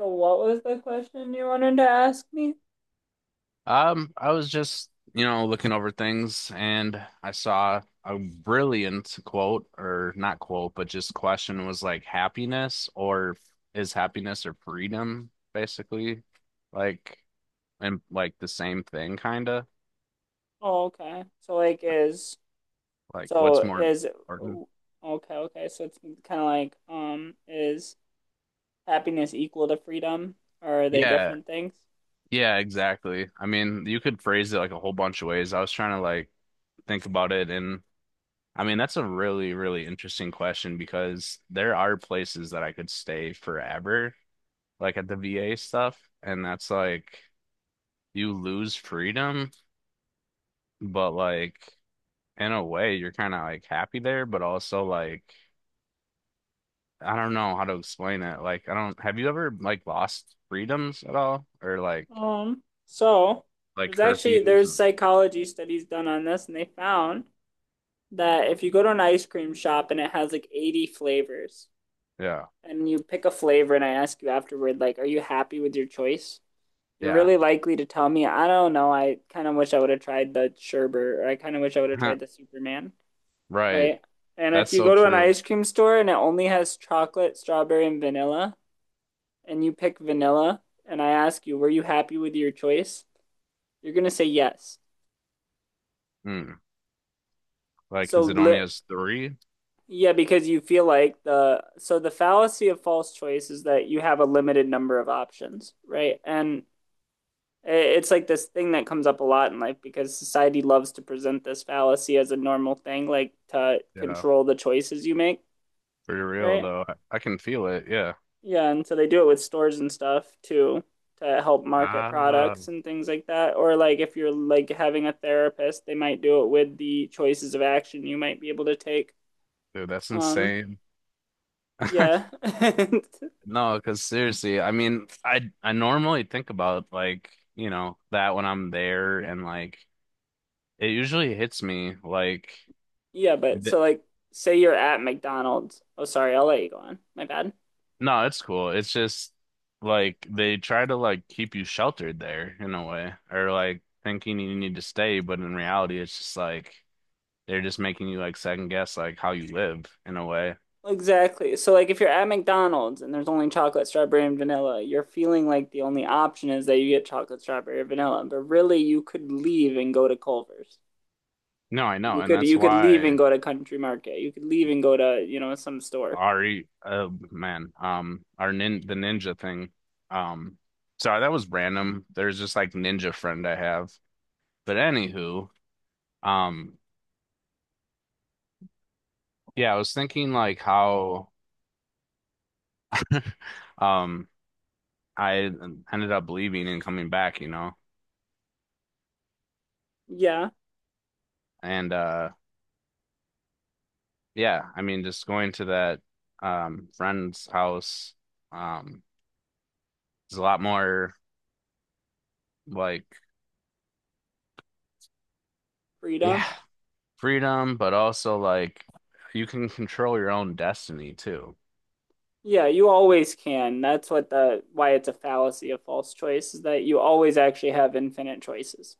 So what was the question you wanted to ask me? I was just, looking over things and I saw a brilliant quote, or not quote, but just question was like happiness or is happiness or freedom, basically, like, and like the same thing, kind of, Oh, okay. So like is like so what's more is important? okay, okay. So it's kind of like is happiness equal to freedom or are they Yeah. different things? Yeah, exactly. I mean, you could phrase it like a whole bunch of ways. I was trying to like think about it. And I mean, that's a really, really interesting question because there are places that I could stay forever, like at the VA stuff, and that's like you lose freedom, but like in a way you're kind of like happy there, but also like I don't know how to explain it. Like I don't have you ever like lost freedoms at all, or like So there's actually curfews? there's psychology studies done on this, and they found that if you go to an ice cream shop and it has like 80 flavors Yeah. and you pick a flavor and I ask you afterward, like, are you happy with your choice? You're Yeah. really likely to tell me, I don't know, I kind of wish I would have tried the sherbet, or I kind of wish I would have tried the Superman, Right. right? And if That's you so go to an true. ice cream store and it only has chocolate, strawberry, and vanilla, and you pick vanilla, and I ask you, were you happy with your choice? You're gonna say yes. Mm. Like, So, 'cause it li only has three? Yeah, because you feel like so the fallacy of false choice is that you have a limited number of options, right? And it's like this thing that comes up a lot in life because society loves to present this fallacy as a normal thing, like to Yeah. control the choices you make, Pretty real right? though. I can feel it. Yeah. Yeah, and so they do it with stores and stuff too, to help market Ah, products and things like that. Or like if you're like having a therapist, they might do it with the choices of action you might be able to take. dude, that's Um, insane. yeah. No, because seriously, I mean, I normally think about like, you know, that when I'm there and like it usually hits me like Yeah, but th so like, say you're at McDonald's. Oh, sorry, I'll let you go on. My bad. no, it's cool. It's just like they try to like keep you sheltered there in a way, or like thinking you need to stay, but in reality it's just like they're just making you like second guess like how you live in a way. Exactly. So like if you're at McDonald's and there's only chocolate, strawberry, and vanilla, you're feeling like the only option is that you get chocolate, strawberry, or vanilla. But really you could leave and go to Culver's. No, I know, You and could that's you could leave and why go to Country Market. You could leave and go to, you know, some store. Ari, oh man, our nin the ninja thing. Um, so that was random. There's just like ninja friend I have. But anywho, um, yeah, I was thinking like how, um, I ended up leaving and coming back, you know, Yeah, and yeah, I mean, just going to that friend's house, um, is a lot more like, yeah, freedom. freedom, but also like you can control your own destiny too. Yeah, you always can. That's what the why it's a fallacy of false choice, is that you always actually have infinite choices.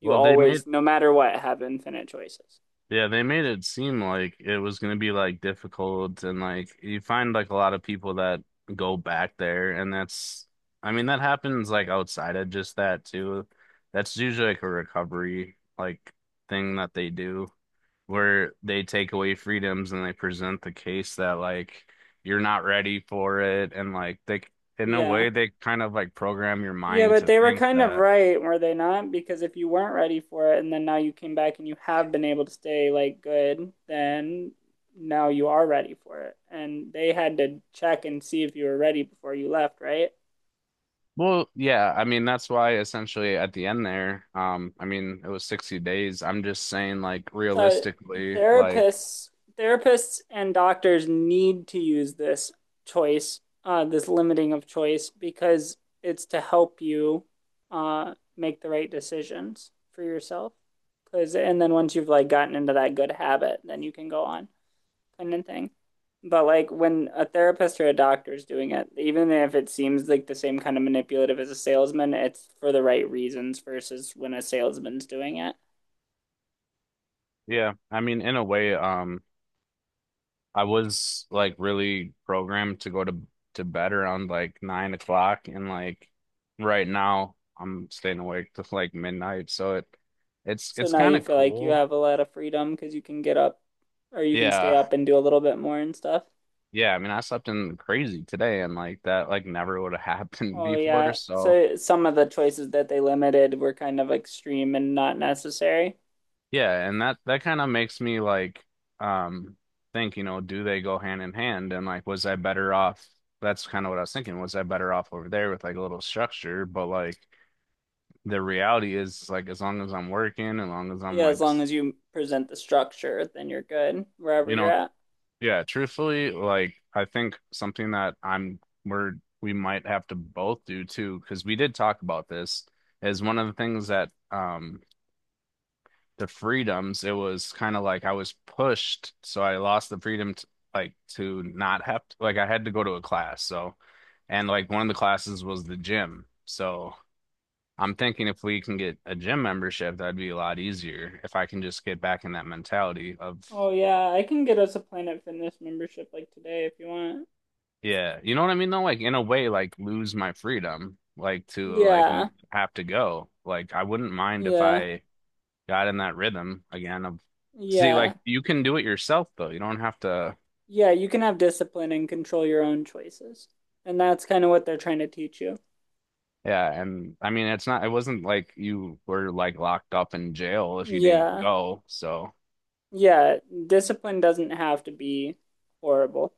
You Well, they made always, no matter what, have infinite choices. yeah, they made it seem like it was gonna be like difficult, and like you find like a lot of people that go back there, and that's I mean that happens like outside of just that too. That's usually like a recovery like thing that they do, where they take away freedoms and they present the case that like you're not ready for it, and like they in a Yeah. way they kind of like program your Yeah, mind but to they were think kind of that. right, were they not? Because if you weren't ready for it and then now you came back and you have been able to stay like good, then now you are ready for it. And they had to check and see if you were ready before you left, right? Well, yeah, I mean that's why essentially at the end there, I mean it was 60 days. I'm just saying like So realistically, like therapists, therapists and doctors need to use this limiting of choice, because it's to help you make the right decisions for yourself. Because, and then once you've like gotten into that good habit, then you can go on independent thing. But like when a therapist or a doctor is doing it, even if it seems like the same kind of manipulative as a salesman, it's for the right reasons versus when a salesman's doing it. yeah, I mean in a way, I was like really programmed to go to bed around like 9 o'clock, and like right now I'm staying awake to like midnight, so it's So it's now kind you of feel like you cool. have a lot of freedom because you can get up or you can stay Yeah, up and do a little bit more and stuff. yeah. I mean I slept in crazy today, and like that like never would have happened Oh before, yeah. so. So some of the choices that they limited were kind of extreme and not necessary. Yeah, and that kind of makes me like um think, you know, do they go hand in hand? And like, was I better off? That's kind of what I was thinking. Was I better off over there with like a little structure? But like the reality is like as long as I'm working, as long as I'm Yeah, like, as long as you present the structure, then you're good wherever you you're know, at. yeah, truthfully, like I think something that I'm we're we might have to both do too, because we did talk about this, is one of the things that the freedoms, it was kind of like I was pushed, so I lost the freedom to, like to not have to, like I had to go to a class. So, and like one of the classes was the gym. So I'm thinking if we can get a gym membership, that'd be a lot easier if I can just get back in that mentality of, Oh yeah, I can get us a Planet Fitness membership like today if you want. yeah, you know what I mean though? Like in a way, like lose my freedom, like to like Yeah, have to go. Like I wouldn't mind if yeah, I got in that rhythm again of See, like yeah, you can do it yourself though. You don't have to yeah. You can have discipline and control your own choices, and that's kind of what they're trying to teach you. Yeah, and I mean it's not it wasn't like you were like locked up in jail if you didn't Yeah, go. So, yeah. Discipline doesn't have to be horrible.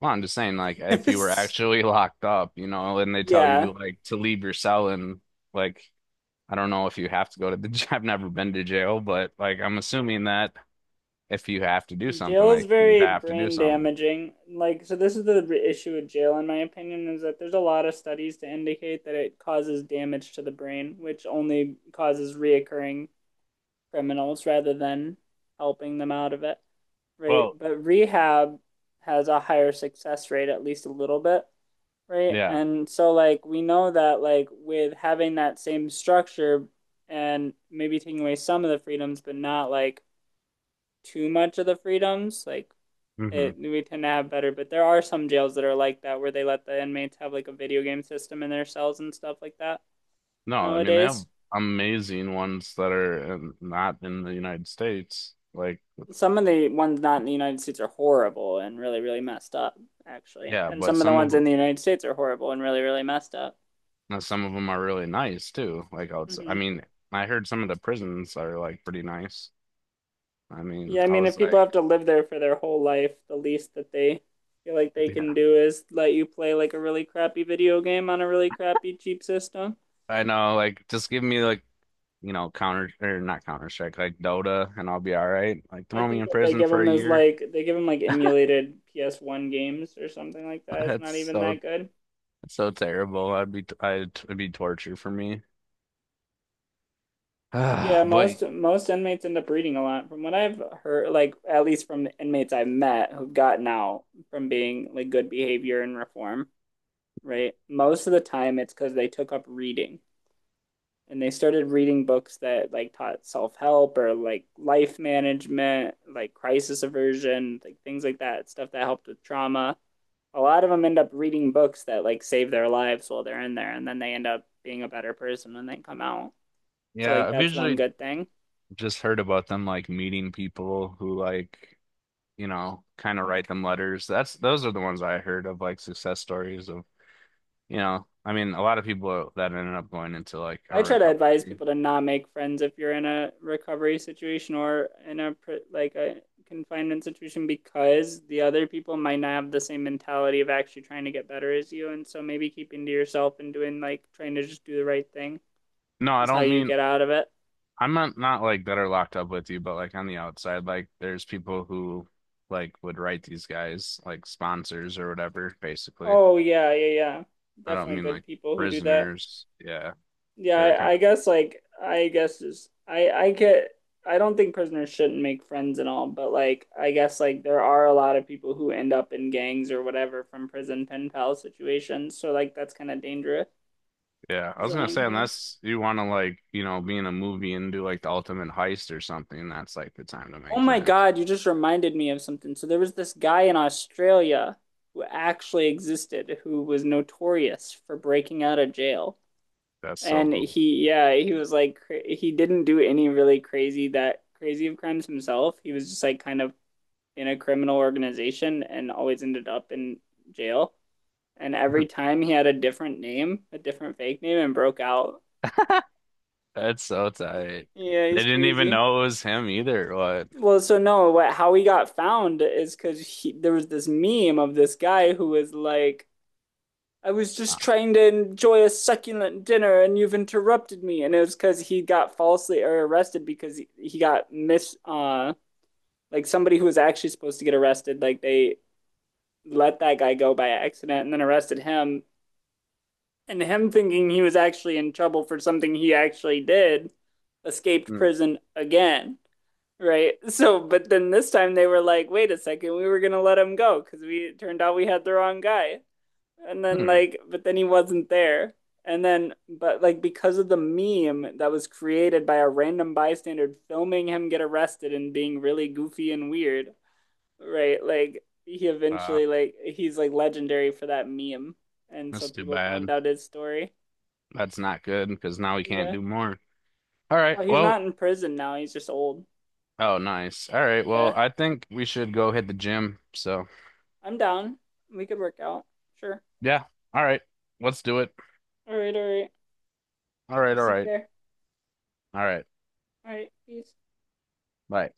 well, I'm just saying like if you were actually locked up, you know, and they tell Yeah. you like to leave your cell and like I don't know if you have to go to the I've never been to jail, but like I'm assuming that if you have to do something, Jail is like you very have to do brain something. damaging. Like, so this is the issue with jail, in my opinion, is that there's a lot of studies to indicate that it causes damage to the brain, which only causes reoccurring criminals rather than helping them out of it, right? Well, But rehab has a higher success rate, at least a little bit, right? yeah. And so, like, we know that, like, with having that same structure and maybe taking away some of the freedoms, but not like too much of the freedoms, like, Hmm. it we tend to have better. But there are some jails that are like that, where they let the inmates have like a video game system in their cells and stuff like that No, I mean they have nowadays. amazing ones that are not in the United States. Like, Some of the ones not in the United States are horrible and really, really messed up, actually. yeah, And but some of the some of ones in them the United States are horrible and really, really messed up. Now, some of them are really nice too. Like outside, Hmm. I mean, I heard some of the prisons are like pretty nice. I mean, Yeah, I I mean, if was people like, have to live there for their whole life, the least that they feel like they yeah, can do is let you play like a really crappy video game on a really crappy cheap system. I know. Like, just give me like, you know, counter or not Counter Strike, like Dota, and I'll be all right. Like, I throw me think in that they prison give for him a as year. like they give him like emulated PS1 games or something like that. It's That's not even that so good. that's so terrible. I'd be I'd it'd be torture for me. Yeah, But most inmates end up reading a lot. From what I've heard, like at least from the inmates I've met who've gotten out from being like good behavior and reform, right? Most of the time it's because they took up reading, and they started reading books that like taught self-help or like life management, like crisis aversion, like things like that, stuff that helped with trauma. A lot of them end up reading books that like save their lives while they're in there, and then they end up being a better person when they come out. So yeah, like I've that's one usually good thing. just heard about them like meeting people who like, you know, kind of write them letters. That's those are the ones I heard of like success stories of You know, I mean, a lot of people that ended up going into like a I try to advise recovery. people to not make friends if you're in a recovery situation or in a confinement situation, because the other people might not have the same mentality of actually trying to get better as you, and so maybe keeping to yourself and doing, like, trying to just do the right thing No, I is how don't you mean get out of it. I'm not like that are locked up with you, but like on the outside, like there's people who like would write these guys like sponsors or whatever, basically. Oh yeah, yeah, yeah. I don't Definitely mean good like people who do that. prisoners. Yeah. Yeah, They're I, kind I guess like I guess is I get I don't think prisoners shouldn't make friends and all, but like I guess like there are a lot of people who end up in gangs or whatever from prison pen pal situations, so like that's kind of dangerous. of, yeah. I Is was what gonna I'm say hearing. unless you wanna like, you know, be in a movie and do like the ultimate heist or something, that's like the time to Oh make my friends. God, you just reminded me of something. So there was this guy in Australia who actually existed, who was notorious for breaking out of jail. That's so And cool. he, yeah, he was like, he didn't do any really crazy that crazy of crimes himself. He was just like kind of in a criminal organization and always ended up in jail. And every time he had a different name, a different fake name, and broke out. That's so tight. Yeah, They he's didn't even crazy. know it was him either. What? Well, so no, how he got found is because there was this meme of this guy who was like, I was just Wow. trying to enjoy a succulent dinner and you've interrupted me. And it was because he got falsely or arrested because he got like, somebody who was actually supposed to get arrested, like they let that guy go by accident and then arrested him, and him thinking he was actually in trouble for something he actually did, escaped Hmm. prison again, right? So, but then this time they were like, wait a second, we were gonna let him go because we it turned out we had the wrong guy. And then Hmm. like, but then he wasn't there. And then, but like because of the meme that was created by a random bystander filming him get arrested and being really goofy and weird, right? Like Uh, he's like legendary for that meme. And so that's too people found bad. out his story. That's not good because now we can't Yeah. do more. All right. Well, he's not Well, in prison now. He's just old. oh, nice. All right. Well, Yeah. I think we should go hit the gym. So, I'm down. We could work out. Sure. yeah. All right. Let's do it. All right, all right. All right. I'll All see you right. there. All right. All right, peace. Bye.